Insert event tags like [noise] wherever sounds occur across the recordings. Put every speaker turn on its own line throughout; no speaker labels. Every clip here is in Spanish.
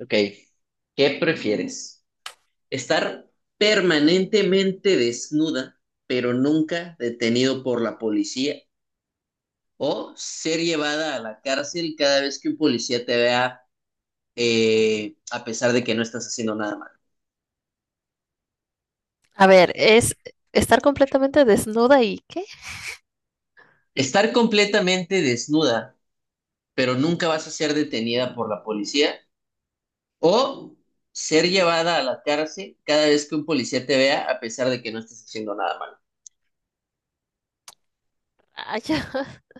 Ok, ¿qué prefieres? ¿Estar permanentemente desnuda, pero nunca detenido por la policía? ¿O ser llevada a la cárcel cada vez que un policía te vea, a pesar de que no estás haciendo nada malo?
A ver, es estar completamente desnuda y ¿qué?
¿Estar completamente desnuda, pero nunca vas a ser detenida por la policía? ¿O ser llevada a la cárcel cada vez que un policía te vea, a pesar de que no estés haciendo nada malo?
Ah, ya. [laughs]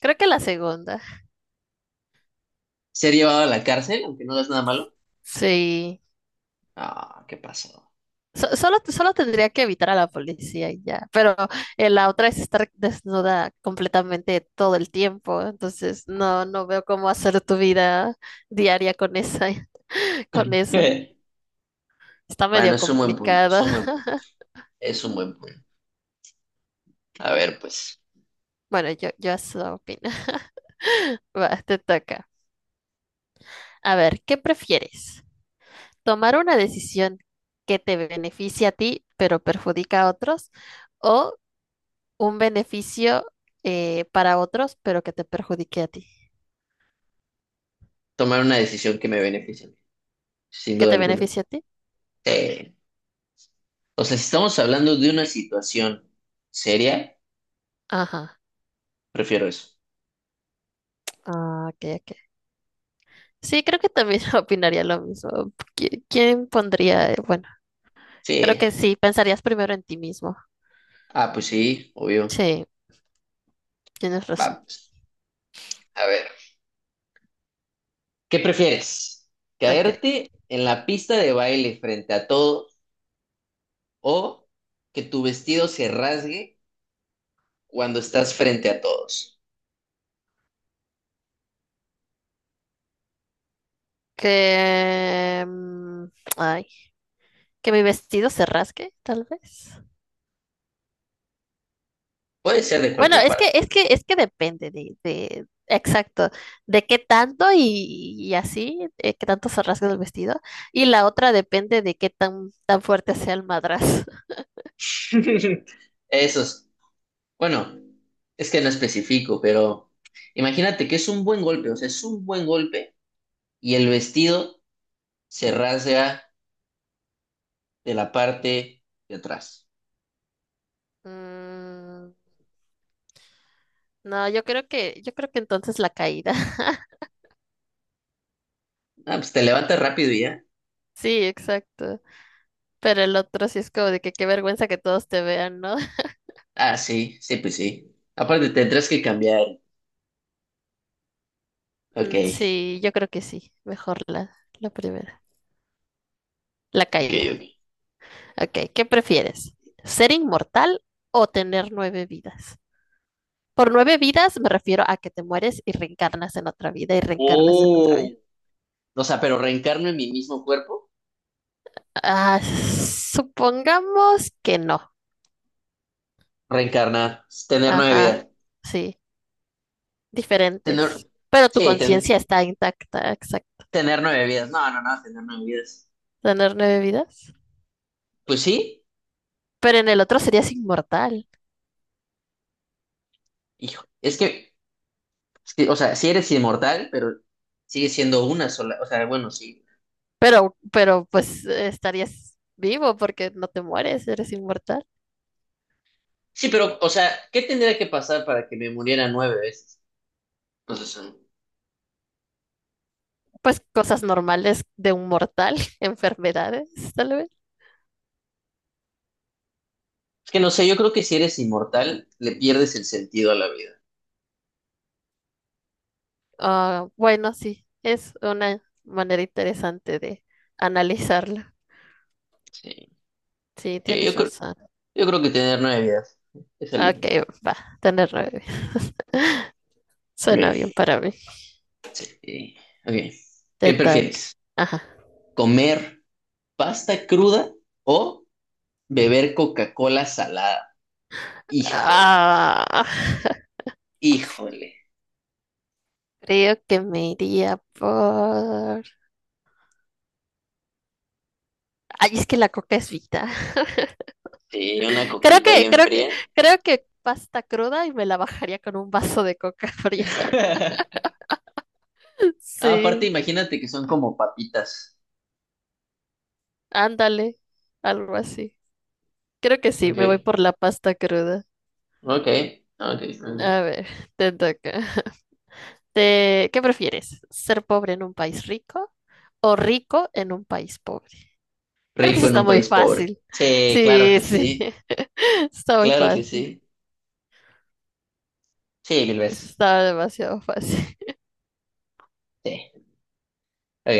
Creo que la segunda.
¿Ser llevada a la cárcel, aunque no hagas nada malo?
Sí.
Ah, ¿qué pasó?
Solo tendría que evitar a la policía y ya. Pero la otra es estar desnuda completamente todo el tiempo. Entonces, no, no veo cómo hacer tu vida diaria con esa, [laughs] con eso.
Eh,
Está
Bueno,
medio
es un buen punto, es
complicado.
un buen punto,
[laughs]
es un buen punto. A ver, pues,
Bueno, yo eso opino. [laughs] Va, te toca. A ver, ¿qué prefieres? Tomar una decisión que te beneficie a ti, pero perjudica a otros, o un beneficio para otros, pero que te perjudique a ti,
tomar una decisión que me beneficie, sin
que
duda
te
alguna.
beneficie a ti.
Sí. O sea, si estamos hablando de una situación seria,
Ajá.
prefiero eso.
Ah, ok, ok. Sí, creo que también [laughs] opinaría lo mismo. ¿Quién pondría? Bueno, creo
Sí.
que sí, pensarías primero en ti mismo.
Ah, pues sí, obvio.
Sí, tienes razón.
Vamos. A ver, ¿qué prefieres?
Ok.
¿Caerte en la pista de baile frente a todos o que tu vestido se rasgue cuando estás frente a todos?
Que, mm, Ay, que mi vestido se rasgue, tal vez.
Puede ser de
Bueno,
cualquier
es que,
parte.
es que, es que depende de, exacto, de qué tanto y así, qué tanto se rasga el vestido. Y la otra depende de qué tan fuerte sea el madrazo. [laughs]
[laughs] Eso. Bueno, es que no especifico, pero imagínate que es un buen golpe, o sea, es un buen golpe y el vestido se rasga de la parte de atrás.
Mm, no, yo creo que entonces la caída. [laughs]
Ah, pues te levantas rápido y ya.
Sí, exacto. Pero el otro sí es como de que qué vergüenza que todos te vean, ¿no? [laughs]
Ah, sí, sí, pues sí. Aparte tendrás que cambiar. Ok,
Mm, sí, yo creo que sí. Mejor la primera. La
ok,
caída.
ok.
Ok, ¿qué prefieres? ¿Ser inmortal o tener nueve vidas? Por nueve vidas me refiero a que te mueres y reencarnas en otra vida y reencarnas en otra vida.
Oh, o sea, pero reencarno en mi mismo cuerpo.
Ah, supongamos que no.
Reencarnar, tener nueve
Ajá,
vidas.
sí,
Tener,
diferentes. Pero tu
sí,
conciencia está intacta, exacto.
tener nueve vidas. No, no, no, tener nueve vidas.
Tener nueve vidas.
Pues sí,
Pero en el otro serías inmortal.
hijo, es que. O sea, si eres inmortal, pero sigue siendo una sola. O sea, bueno, sí.
Pero pues estarías vivo porque no te mueres, eres inmortal.
Sí, pero, o sea, ¿qué tendría que pasar para que me muriera nueve veces? Entonces, mm,
Pues cosas normales de un mortal, [laughs] enfermedades, tal vez.
es que no sé, yo creo que si eres inmortal, le pierdes el sentido a la vida.
Ah, bueno, sí, es una manera interesante de analizarla.
Sí.
Sí,
Sí,
tienes razón.
yo creo que tener nueve vidas es el
Ok,
límite.
va, tener nueve.
Ok,
Suena bien para mí.
sí, sí, ok. ¿Qué
Te toca.
prefieres?
Ajá.
¿Comer pasta cruda o beber Coca-Cola salada? Híjole,
Ah, [laughs]
híjole.
creo que me iría por. Ay, es que la coca es vida. [laughs]
Sí, una
Creo
coquita
que,
bien
creo que,
fría.
creo que pasta cruda y me la bajaría con un vaso de coca fría. [laughs]
Ah, aparte,
Sí,
imagínate que son como papitas.
ándale, algo así. Creo que sí,
Ok,
me voy por la pasta cruda.
ok, ok, ok.
A ver, te toca. ¿Qué prefieres? ¿Ser pobre en un país rico o rico en un país pobre? Creo que
Rico
eso
en
está
un
muy
país pobre.
fácil.
Sí, claro
Sí,
que
sí,
sí,
[laughs] está muy
claro que
fácil.
sí. Sí, mil
Eso
veces.
está demasiado fácil.
Sí. Ok.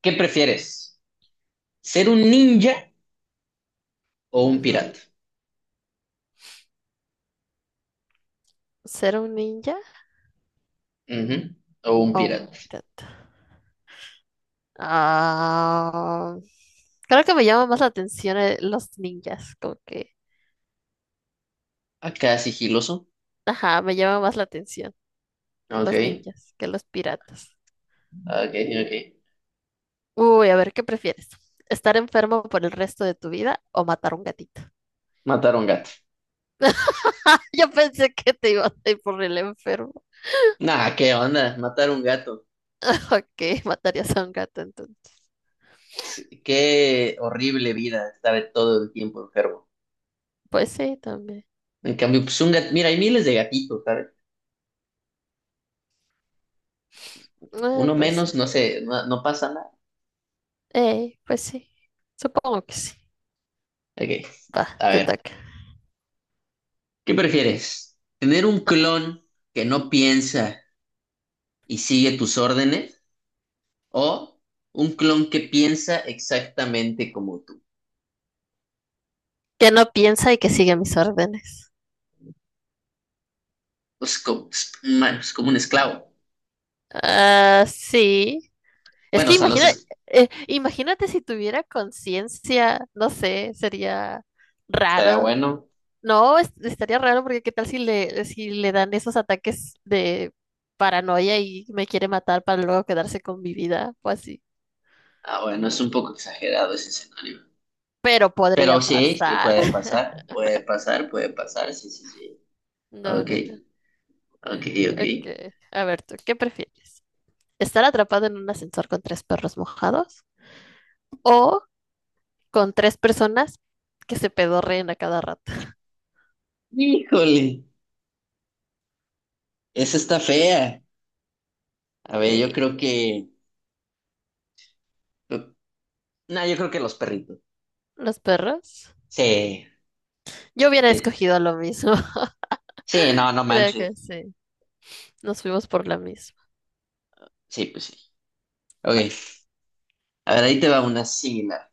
¿Qué prefieres? ¿Ser un ninja o un
Ujú.
pirata?
¿Ser un ninja
Ujú, o un
o un
pirata.
pirata? Ah, creo que me llama más la atención los ninjas, como que,
Acá sigiloso.
ajá, me llama más la atención
Ok,
los ninjas que los piratas.
ok, ok.
Uy, a ver, ¿qué prefieres? ¿Estar enfermo por el resto de tu vida o matar un gatito?
Matar a un gato.
[laughs] Yo pensé que te ibas a ir por el enfermo.
Nah, ¿qué onda? Matar a un gato.
[laughs] Ok, matarías a un gato entonces.
Sí, qué horrible vida estar todo el tiempo enfermo.
Pues sí, también.
En cambio, pues un gato. Mira, hay miles de gatitos, ¿sabes?
Ah,
Uno
pues sí.
menos, no sé, no, no pasa nada.
Ey, pues sí. Supongo que sí.
Ok,
Va,
a
te
ver,
toca.
¿qué prefieres? ¿Tener un
[laughs]
clon que no piensa y sigue tus órdenes? ¿O un clon que piensa exactamente como tú?
Que no piensa y que sigue mis órdenes.
Pues como, es man, es como un esclavo.
Ah, sí. Es
Bueno,
que
o sea,
imagina, imagínate si tuviera conciencia, no sé, sería
estaría
raro.
bueno.
No, estaría raro porque qué tal si le, dan esos ataques de paranoia y me quiere matar para luego quedarse con mi vida o así.
Ah, bueno, es un poco exagerado ese escenario.
Pero podría
Pero sí, sí,
pasar.
puede
[laughs]
pasar, puede pasar, puede pasar, sí, sí, sí.
No,
Ok,
no, no.
ok, ok.
Ok. A ver, tú, ¿qué prefieres? ¿Estar atrapado en un ascensor con tres perros mojados o con tres personas que se pedorreen a cada rato?
Híjole, esa está fea. A ver, yo
Eh,
creo que... No, yo creo que los perritos.
los perros.
Sí,
Yo hubiera
sí,
escogido lo mismo. [laughs]
sí, no, no
Creo
manches.
que sí. Nos fuimos por la misma.
Sí, pues sí. Ok,
Va,
a ver, ahí te va una similar.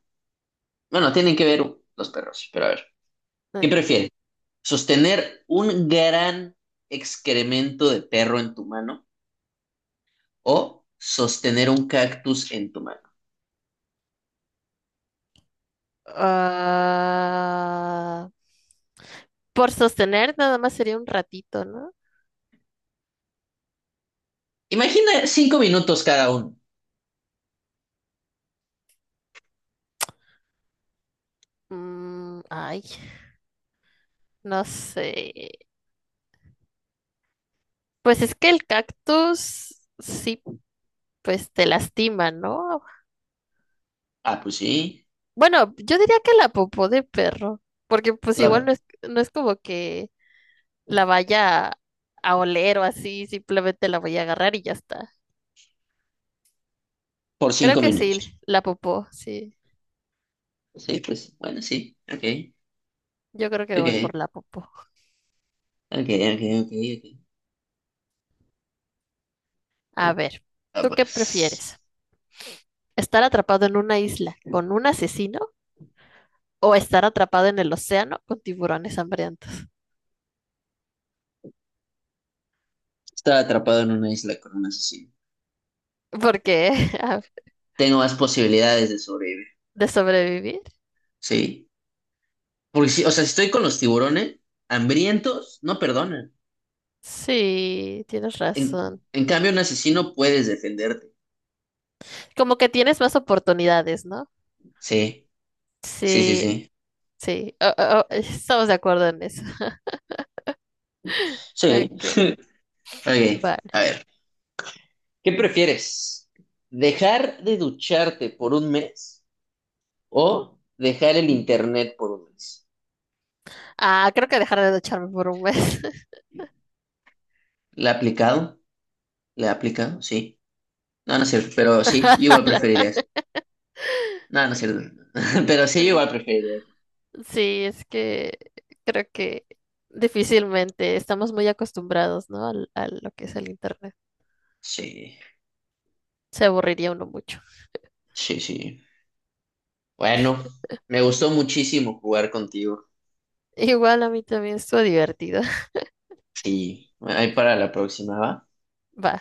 Bueno, tienen que ver los perros, sí, pero a ver. ¿Qué
ok.
prefieres? ¿Sostener un gran excremento de perro en tu mano o sostener un cactus en tu mano?
Ah, por sostener nada más sería un ratito, ¿no?
Imagina 5 minutos cada uno.
Mm, ay, no sé. Pues es que el cactus sí, pues te lastima, ¿no?
Ah, pues sí,
Bueno, yo diría que la popó de perro, porque pues igual
la,
no es, no es como que la vaya a oler o así, simplemente la voy a agarrar y ya está.
por
Creo
cinco
que
minutos.
sí, la popó, sí.
Pues sí, pues bueno, sí. Ok,
Yo creo que voy
ok,
por la popó.
ok, ok, ok, ok.
A ver,
Ah,
¿tú qué prefieres?
pues.
¿Estar atrapado en una isla con un asesino o estar atrapado en el océano con tiburones hambrientos?
Estar atrapado en una isla con un asesino.
Porque [laughs]
Tengo más posibilidades de sobrevivir.
de sobrevivir.
Sí. Porque si, o sea, si estoy con los tiburones, hambrientos, no perdonan.
Sí, tienes
En,
razón.
en cambio, un asesino puedes defenderte.
Como que tienes más oportunidades, ¿no?
Sí, sí, sí,
Sí,
sí.
sí. Oh, oh, oh, estamos de acuerdo en eso. [laughs]
Sí.
Ok,
[laughs] Ok,
vale.
a ver. ¿Qué prefieres? ¿Dejar de ducharte por un mes o dejar el internet por un mes?
Ah, creo que dejaré de ducharme por un mes.
¿Le ha aplicado? ¿Le ha aplicado? Sí. No, no es cierto, pero sí, yo
[laughs]
igual
Ala.
preferiría eso. No, no es cierto. [laughs] Pero sí, yo igual preferiría
Sí, es que creo que difícilmente estamos muy acostumbrados, ¿no? A lo que es el internet.
sí,
Se aburriría uno mucho.
sí, sí. Bueno, me gustó muchísimo jugar contigo.
Igual a mí también estuvo divertido.
Sí, ahí para la próxima, ¿va?
[laughs] Va.